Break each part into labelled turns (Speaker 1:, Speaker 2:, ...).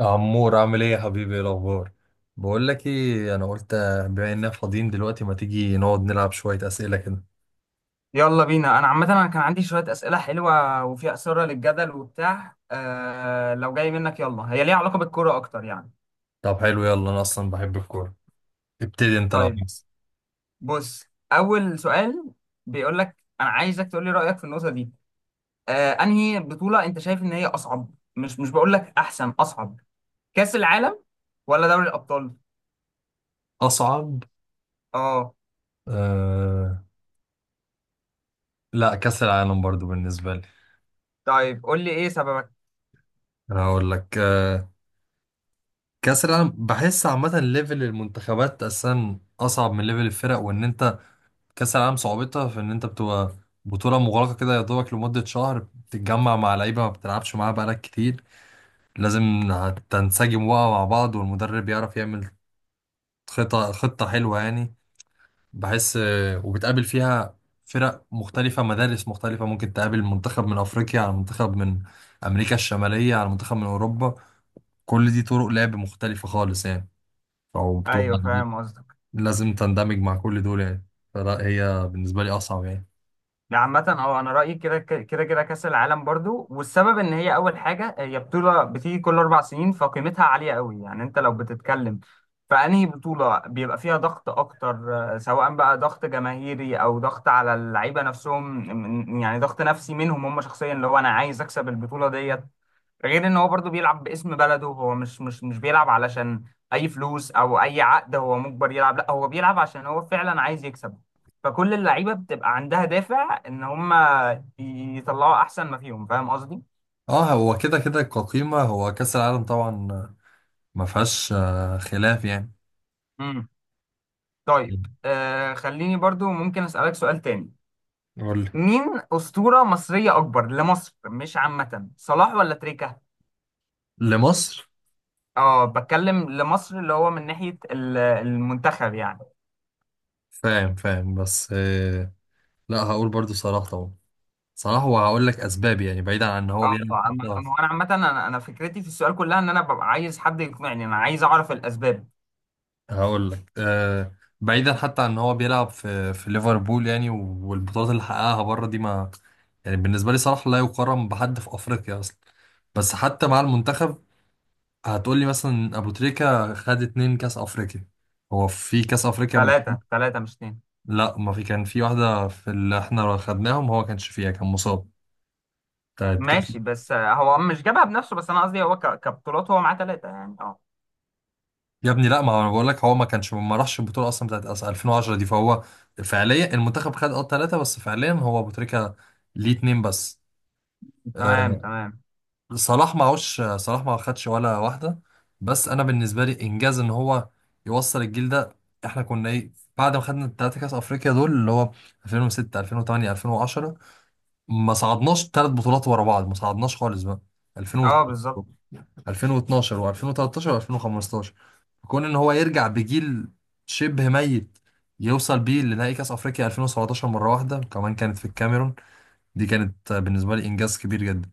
Speaker 1: عمور عامل ايه يا حبيبي؟ ايه الاخبار؟ بقول لك ايه، انا قلت بما اننا فاضيين دلوقتي ما تيجي نقعد نلعب شويه اسئله كده؟
Speaker 2: يلا بينا. انا عامه كان عندي شويه اسئله حلوه وفيها اثاره للجدل وبتاع، لو جاي منك. يلا، هي ليها علاقه بالكوره اكتر يعني.
Speaker 1: طب حلو، يلا انا اصلا بحب الكوره. ابتدي انت لو
Speaker 2: طيب.
Speaker 1: عايز.
Speaker 2: بص. اول سؤال بيقول لك انا عايزك تقول لي رايك في النقطه دي. انهي بطوله انت شايف ان هي اصعب، مش بقول لك احسن، اصعب؟ كاس العالم ولا دوري الابطال؟
Speaker 1: اصعب.
Speaker 2: اه.
Speaker 1: آه... لا، كاس العالم برضو بالنسبه لي.
Speaker 2: طيب قول لي ايه سببك.
Speaker 1: انا هقول لك كاس العالم، بحس عامه ليفل المنتخبات اساسا اصعب من ليفل الفرق، وان انت كاس العالم صعوبتها في ان انت بتبقى بطوله مغلقه كده يا دوبك لمده شهر، بتتجمع مع لعيبه ما بتلعبش معاها بقالك كتير، لازم تنسجم بقى مع بعض والمدرب يعرف يعمل خطة حلوة يعني. بحس وبتقابل فيها فرق مختلفة، مدارس مختلفة، ممكن تقابل منتخب من أفريقيا على منتخب من أمريكا الشمالية على منتخب من أوروبا، كل دي طرق لعب مختلفة خالص يعني. أو
Speaker 2: ايوه،
Speaker 1: بتبقى
Speaker 2: فاهم قصدك.
Speaker 1: لازم تندمج مع كل دول يعني. فلا هي بالنسبة لي أصعب يعني.
Speaker 2: لا عامة اه، انا رأيي كده كده كأس العالم برضو، والسبب ان هي اول حاجة هي بطولة بتيجي كل 4 سنين، فقيمتها عالية قوي يعني. انت لو بتتكلم فأنهي بطولة بيبقى فيها ضغط اكتر؟ سواء بقى ضغط جماهيري او ضغط على اللعيبة نفسهم، يعني ضغط نفسي منهم هم شخصيا، اللي هو انا عايز اكسب البطولة ديت. غير ان هو برضو بيلعب باسم بلده، هو مش بيلعب علشان اي فلوس او اي عقد هو مجبر يلعب، لا هو بيلعب عشان هو فعلا عايز يكسب. فكل اللعيبه بتبقى عندها دافع ان هم يطلعوا احسن ما فيهم، فاهم قصدي.
Speaker 1: اه، هو كده كده كقيمة، هو كأس العالم طبعا ما فيهاش خلاف يعني.
Speaker 2: امم طيب، خليني برضو ممكن اسالك سؤال تاني.
Speaker 1: قول لي
Speaker 2: مين اسطوره مصريه اكبر لمصر مش عامه، صلاح ولا تريكا؟
Speaker 1: لمصر.
Speaker 2: اه، بتكلم لمصر، اللي هو من ناحيه المنتخب يعني.
Speaker 1: فاهم فاهم، بس لا، هقول برضو صلاح طبعا. صلاح، وهقول لك اسباب يعني بعيدا عن ان هو
Speaker 2: اه.
Speaker 1: بيلعب
Speaker 2: اما
Speaker 1: حتى.
Speaker 2: أما انا عامه، انا فكرتي في السؤال كلها ان انا ببقى عايز حد يقنعني، انا عايز اعرف الاسباب.
Speaker 1: هقول لك بعيدا حتى عن ان هو بيلعب في ليفربول يعني، والبطولات اللي حققها بره دي ما، يعني بالنسبه لي صلاح لا يقارن بحد في افريقيا اصلا. بس حتى مع المنتخب، هتقول لي مثلا ابو تريكه خد اتنين كاس افريقيا. هو في كاس افريقيا
Speaker 2: ثلاثه، ثلاثه مش اتنين.
Speaker 1: لا، ما في، كان في واحده في اللي احنا خدناهم هو كانش فيها، كان مصاب.
Speaker 2: ماشي بس هو مش جابها بنفسه، بس انا قصدي هو كبطولات هو معاه ثلاثه يعني، اه.
Speaker 1: يا ابني لا، ما هو انا بقول لك هو ما كانش ما راحش البطوله اصلا بتاعت 2010 دي، فهو فعليا المنتخب خد ثلاثه بس، فعليا هو ابو تريكه ليه اتنين بس
Speaker 2: تمام،
Speaker 1: آه،
Speaker 2: تمام.
Speaker 1: صلاح معهوش، صلاح ما خدش ولا واحده. بس انا بالنسبه لي انجاز ان هو يوصل الجيل ده، احنا كنا ايه بعد ما خدنا الثلاثه كاس افريقيا دول اللي هو 2006، 2008، 2010؟ ما صعدناش ثلاث بطولات ورا بعض، ما صعدناش خالص بقى 2000
Speaker 2: اه، بالظبط.
Speaker 1: 2012 و2013 و2015. كون ان هو يرجع بجيل شبه ميت يوصل بيه لنهائي كاس افريقيا 2017 مره واحده وكمان كانت في الكاميرون، دي كانت بالنسبه لي انجاز كبير جدا.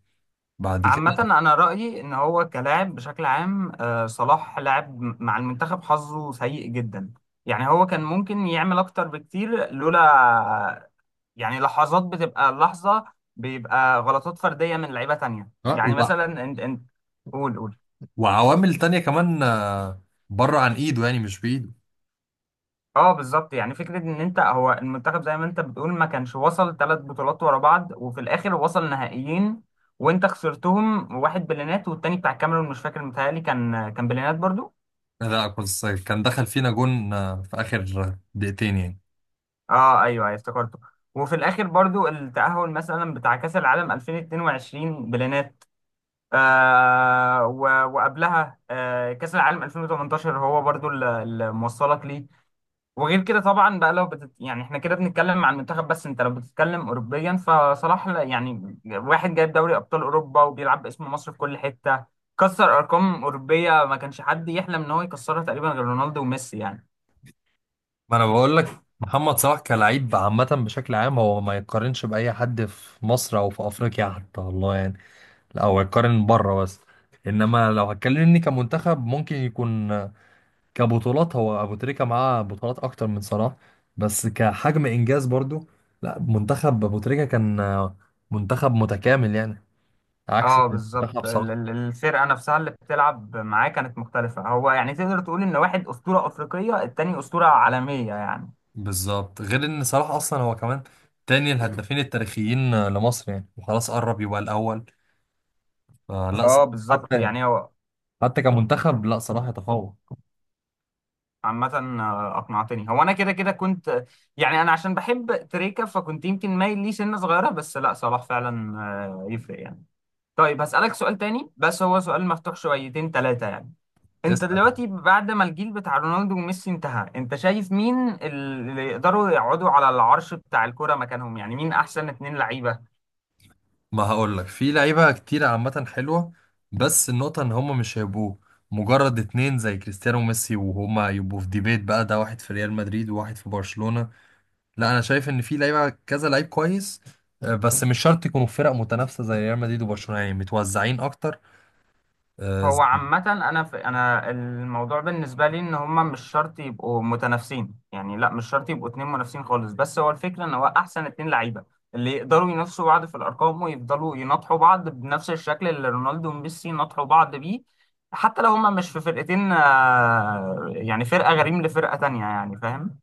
Speaker 1: بعد
Speaker 2: عامه
Speaker 1: كده
Speaker 2: انا رايي ان هو كلاعب بشكل عام، صلاح لاعب مع المنتخب حظه سيء جدا. يعني هو كان ممكن يعمل اكتر بكتير لولا، يعني لحظات بتبقى لحظة بيبقى غلطات فردية من لعيبة تانية،
Speaker 1: آه،
Speaker 2: يعني
Speaker 1: وع-
Speaker 2: مثلا انت. قول، قول.
Speaker 1: وعوامل تانية كمان بره عن ايده يعني، مش بايده.
Speaker 2: اه، بالظبط. يعني فكرة ان انت هو المنتخب زي ما انت بتقول ما كانش وصل ثلاث بطولات ورا بعض، وفي الاخر وصل نهائيين وانت خسرتهم، واحد بلينات والتاني بتاع الكاميرون مش فاكر، متهيألي كان بلينات برضو.
Speaker 1: لا بس كان دخل فينا جون في اخر دقيقتين يعني.
Speaker 2: اه، ايوه، ايوه، افتكرته. وفي الاخر برضو التأهل مثلا بتاع كأس العالم 2022 بلينات، وقبلها، كأس العالم 2018 هو برضو اللي موصلك ليه. وغير كده طبعا بقى لو يعني احنا كده بنتكلم عن المنتخب بس انت لو بتتكلم اوروبيا فصلاح يعني واحد جايب دوري ابطال اوروبا، وبيلعب باسم مصر في كل حتة، كسر ارقام اوروبيه ما كانش حد يحلم ان هو يكسرها تقريبا غير رونالدو وميسي يعني.
Speaker 1: ما انا بقول لك، محمد صلاح كلاعب عامة بشكل عام هو ما يقارنش بأي حد في مصر أو في أفريقيا حتى والله يعني. لا، هو يقارن بره بس. انما لو هتكلمني كمنتخب، ممكن يكون كبطولات هو ابو تريكة معاه بطولات اكتر من صلاح، بس كحجم انجاز برضو لا، منتخب ابو تريكة كان منتخب متكامل يعني، عكس
Speaker 2: اه،
Speaker 1: منتخب
Speaker 2: بالظبط.
Speaker 1: صلاح.
Speaker 2: الفرقه نفسها اللي بتلعب معاه كانت مختلفه، هو يعني تقدر تقول ان واحد اسطوره افريقيه التاني اسطوره عالميه يعني.
Speaker 1: بالظبط. غير ان صلاح اصلا هو كمان تاني الهدافين التاريخيين لمصر يعني، وخلاص قرب يبقى الاول. فلا
Speaker 2: اه،
Speaker 1: صلاح،
Speaker 2: بالظبط.
Speaker 1: حتى
Speaker 2: يعني هو
Speaker 1: حتى كمنتخب لا، صلاح يتفوق.
Speaker 2: عامة، أقنعتني. هو أنا كده كده كنت، يعني أنا عشان بحب تريكة فكنت يمكن مايل ليه سنة صغيرة، بس لا، صلاح فعلا يفرق يعني. طيب، هسألك سؤال تاني بس هو سؤال مفتوح شويتين، تلاتة يعني. أنت دلوقتي بعد ما الجيل بتاع رونالدو وميسي انتهى، أنت شايف مين اللي يقدروا يقعدوا على العرش بتاع الكرة مكانهم؟ يعني مين أحسن اتنين لعيبة؟
Speaker 1: ما هقول لك، في لعيبة كتير عامة حلوة، بس النقطة ان هما مش هيبقوا مجرد اتنين زي كريستيانو وميسي، وهما يبقوا في ديبيت بقى، ده واحد في ريال مدريد وواحد في برشلونة. لا، انا شايف ان في لعيبة كذا لعيب كويس بس مش شرط يكونوا في فرق متنافسة زي ريال مدريد وبرشلونة، يعني متوزعين اكتر. آه،
Speaker 2: هو
Speaker 1: زي
Speaker 2: عامة، أنا الموضوع بالنسبة لي إن هما مش شرط يبقوا متنافسين يعني، لا مش شرط يبقوا اتنين منافسين خالص، بس هو الفكرة إن هو أحسن اتنين لعيبة اللي يقدروا ينافسوا بعض في الأرقام ويفضلوا يناطحوا بعض بنفس الشكل اللي رونالدو وميسي ناطحوا بعض بيه، حتى لو هما مش في فرقتين، يعني فرقة غريم لفرقة تانية يعني، فاهم؟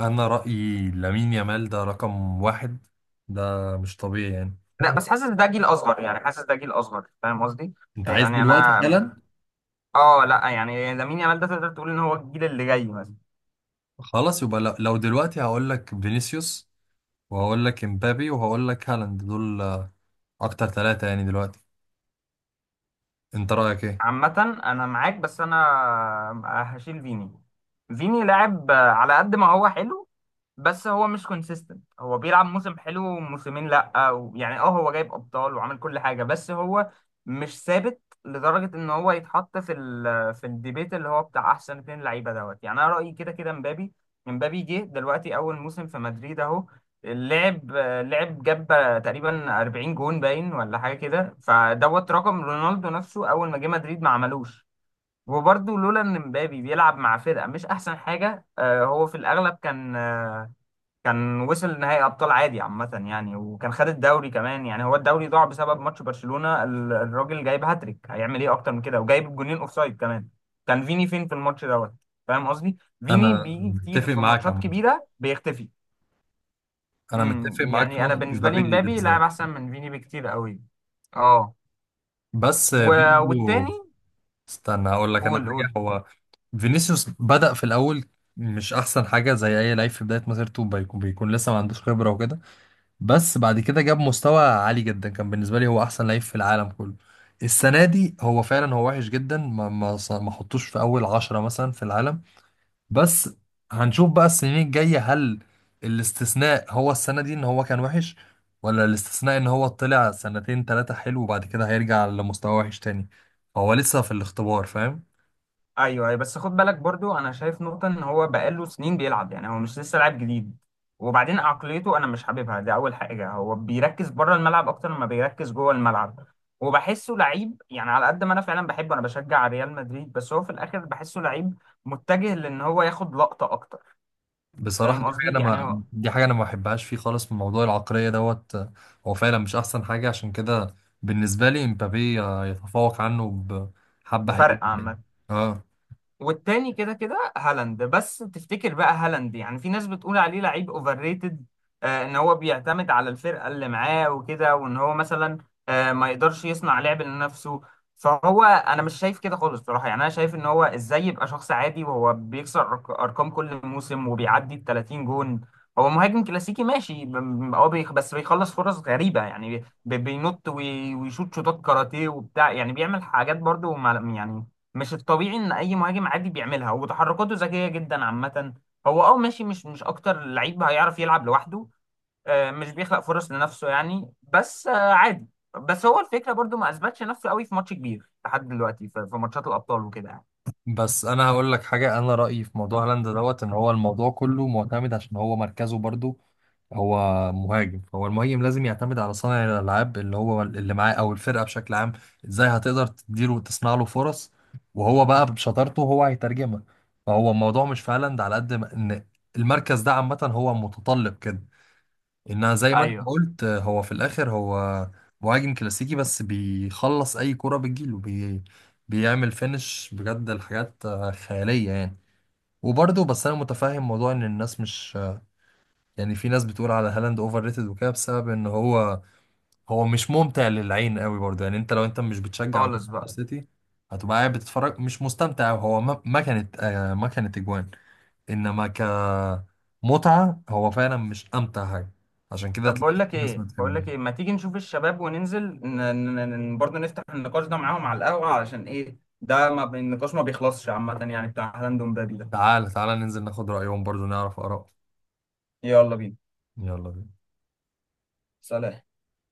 Speaker 1: انا رأيي لامين يامال ده رقم واحد، ده مش طبيعي يعني.
Speaker 2: لا بس حاسس ده جيل أصغر، يعني حاسس ده جيل أصغر، فاهم قصدي؟
Speaker 1: انت عايز
Speaker 2: يعني
Speaker 1: دلوقتي
Speaker 2: أنا،
Speaker 1: حالا؟
Speaker 2: لا يعني لامين يامال ده تقدر تقول إن هو الجيل اللي جاي مثلا.
Speaker 1: خلاص، يبقى لو دلوقتي هقول لك فينيسيوس، وهقول لك امبابي، وهقول لك هالاند، دول اكتر ثلاثة يعني دلوقتي. انت رأيك ايه؟
Speaker 2: عامة أنا معاك، بس أنا هشيل فيني. فيني لاعب على قد ما هو حلو بس هو مش كونسيستنت، هو بيلعب موسم حلو وموسمين لا، أو يعني اه هو جايب ابطال وعامل كل حاجه بس هو مش ثابت لدرجه ان هو يتحط في الديبيت اللي هو بتاع احسن اتنين لعيبه دوت يعني. انا رايي كده كده مبابي. مبابي جه دلوقتي اول موسم في مدريد اهو، لعب، جاب تقريبا 40 جون باين ولا حاجه كده، فدوت رقم رونالدو نفسه اول ما جه مدريد ما عملوش. وبرضه لولا ان مبابي بيلعب مع فرقه مش احسن حاجه، هو في الاغلب كان وصل نهائي ابطال عادي عامه يعني، وكان خد الدوري كمان يعني. هو الدوري ضاع بسبب ماتش برشلونه، الراجل جايب هاتريك، هيعمل ايه اكتر من كده؟ وجايب جونين اوفسايد كمان. كان فيني فين في الماتش دوت؟ فاهم قصدي. فيني
Speaker 1: انا
Speaker 2: بيجي كتير
Speaker 1: متفق
Speaker 2: في
Speaker 1: معاك
Speaker 2: ماتشات
Speaker 1: عامة،
Speaker 2: كبيره بيختفي.
Speaker 1: انا متفق معاك في
Speaker 2: يعني انا
Speaker 1: نقطة
Speaker 2: بالنسبه لي
Speaker 1: امبابي دي
Speaker 2: مبابي لاعب
Speaker 1: بالذات.
Speaker 2: احسن من فيني بكتير قوي، اه.
Speaker 1: بس
Speaker 2: و...
Speaker 1: برضو
Speaker 2: والتاني.
Speaker 1: استنى هقول لك انا
Speaker 2: قول، قول.
Speaker 1: حاجة. هو فينيسيوس بدأ في الاول مش احسن حاجة، زي اي لعيب في بداية مسيرته بيكون لسه ما عندوش خبرة وكده، بس بعد كده جاب مستوى عالي جدا، كان بالنسبة لي هو احسن لعيب في العالم كله. السنة دي هو فعلا هو وحش جدا، ما حطوش في اول عشرة مثلا في العالم. بس هنشوف بقى السنين الجاية، هل الاستثناء هو السنة دي ان هو كان وحش، ولا الاستثناء ان هو طلع سنتين تلاتة حلو وبعد كده هيرجع لمستوى وحش تاني؟ فهو لسه في الاختبار، فاهم.
Speaker 2: ايوه، أيوة، بس خد بالك برضو انا شايف نقطه ان هو بقاله سنين بيلعب يعني هو مش لسه لاعب جديد. وبعدين عقليته انا مش حاببها، دي اول حاجه، هو بيركز بره الملعب اكتر ما بيركز جوه الملعب، وبحسه لعيب يعني على قد ما انا فعلا بحبه، انا بشجع ريال مدريد، بس هو في الاخر بحسه لعيب متجه لان هو ياخد لقطه اكتر.
Speaker 1: بصراحة
Speaker 2: فاهم قصدي؟ يعني هو
Speaker 1: دي حاجة انا ما بحبهاش فيه خالص، من موضوع العقلية دوت. هو فعلا مش احسن حاجة، عشان كده بالنسبة لي امبابي يتفوق عنه بحبة حلوة
Speaker 2: بفرق
Speaker 1: يعني.
Speaker 2: عامه.
Speaker 1: اه،
Speaker 2: والتاني كده كده هالاند، بس تفتكر بقى هالاند يعني في ناس بتقول عليه لعيب اوفر ريتد، ان هو بيعتمد على الفرقه اللي معاه وكده، وان هو مثلا ما يقدرش يصنع لعب لنفسه؟ فهو انا مش شايف كده خالص بصراحه يعني، انا شايف ان هو ازاي يبقى شخص عادي وهو بيكسر ارقام كل موسم وبيعدي ال 30 جون. هو مهاجم كلاسيكي ماشي، هو بس بيخلص فرص غريبه يعني، بينط ويشوط شوطات كاراتيه وبتاع يعني، بيعمل حاجات برضو يعني مش الطبيعي ان اي مهاجم عادي بيعملها، وتحركاته ذكيه جدا عامه. هو اه ماشي، مش اكتر لعيب هيعرف يلعب لوحده، مش بيخلق فرص لنفسه يعني، بس عادي. بس هو الفكره برضو ما اثبتش نفسه قوي في ماتش كبير لحد دلوقتي، في ماتشات الابطال وكده يعني.
Speaker 1: بس انا هقول لك حاجة، انا رأيي في موضوع هالاند دوت ان هو الموضوع كله معتمد عشان هو مركزه برضو. هو مهاجم، فهو المهاجم لازم يعتمد على صانع الالعاب اللي هو اللي معاه او الفرقه بشكل عام، ازاي هتقدر تديله وتصنع له فرص، وهو بقى بشطارته هو هيترجمها. فهو الموضوع مش في هالاند على قد ما ان المركز ده عامه هو متطلب كده، انها زي ما انت
Speaker 2: ايوه،
Speaker 1: قلت هو في الاخر هو مهاجم كلاسيكي بس بيخلص اي كرة بتجيله بيعمل فينش، بجد الحاجات خيالية يعني. وبرضه بس انا متفاهم موضوع ان الناس مش، يعني في ناس بتقول على هالاند اوفر ريتد وكده بسبب ان هو هو مش ممتع للعين قوي برضه يعني. انت لو انت مش بتشجع
Speaker 2: خالص
Speaker 1: مانشستر
Speaker 2: بقى.
Speaker 1: سيتي، هتبقى قاعد بتتفرج مش مستمتع. هو ما كانت اجوان، انما كمتعة هو فعلا مش امتع حاجة، عشان كده
Speaker 2: طب بقول
Speaker 1: هتلاقي في
Speaker 2: لك
Speaker 1: ناس ما
Speaker 2: ايه، بقول
Speaker 1: بتحبهاش.
Speaker 2: لك ايه، ما تيجي نشوف الشباب وننزل برضه نفتح النقاش ده معاهم على القهوه، علشان ايه ده، ما النقاش ما بيخلصش عامه يعني، بتاع هالاند ومبابي ده.
Speaker 1: تعال تعال ننزل ناخد رأيهم برضه، نعرف آراءهم.
Speaker 2: يلا بينا.
Speaker 1: يلا بينا.
Speaker 2: سلام.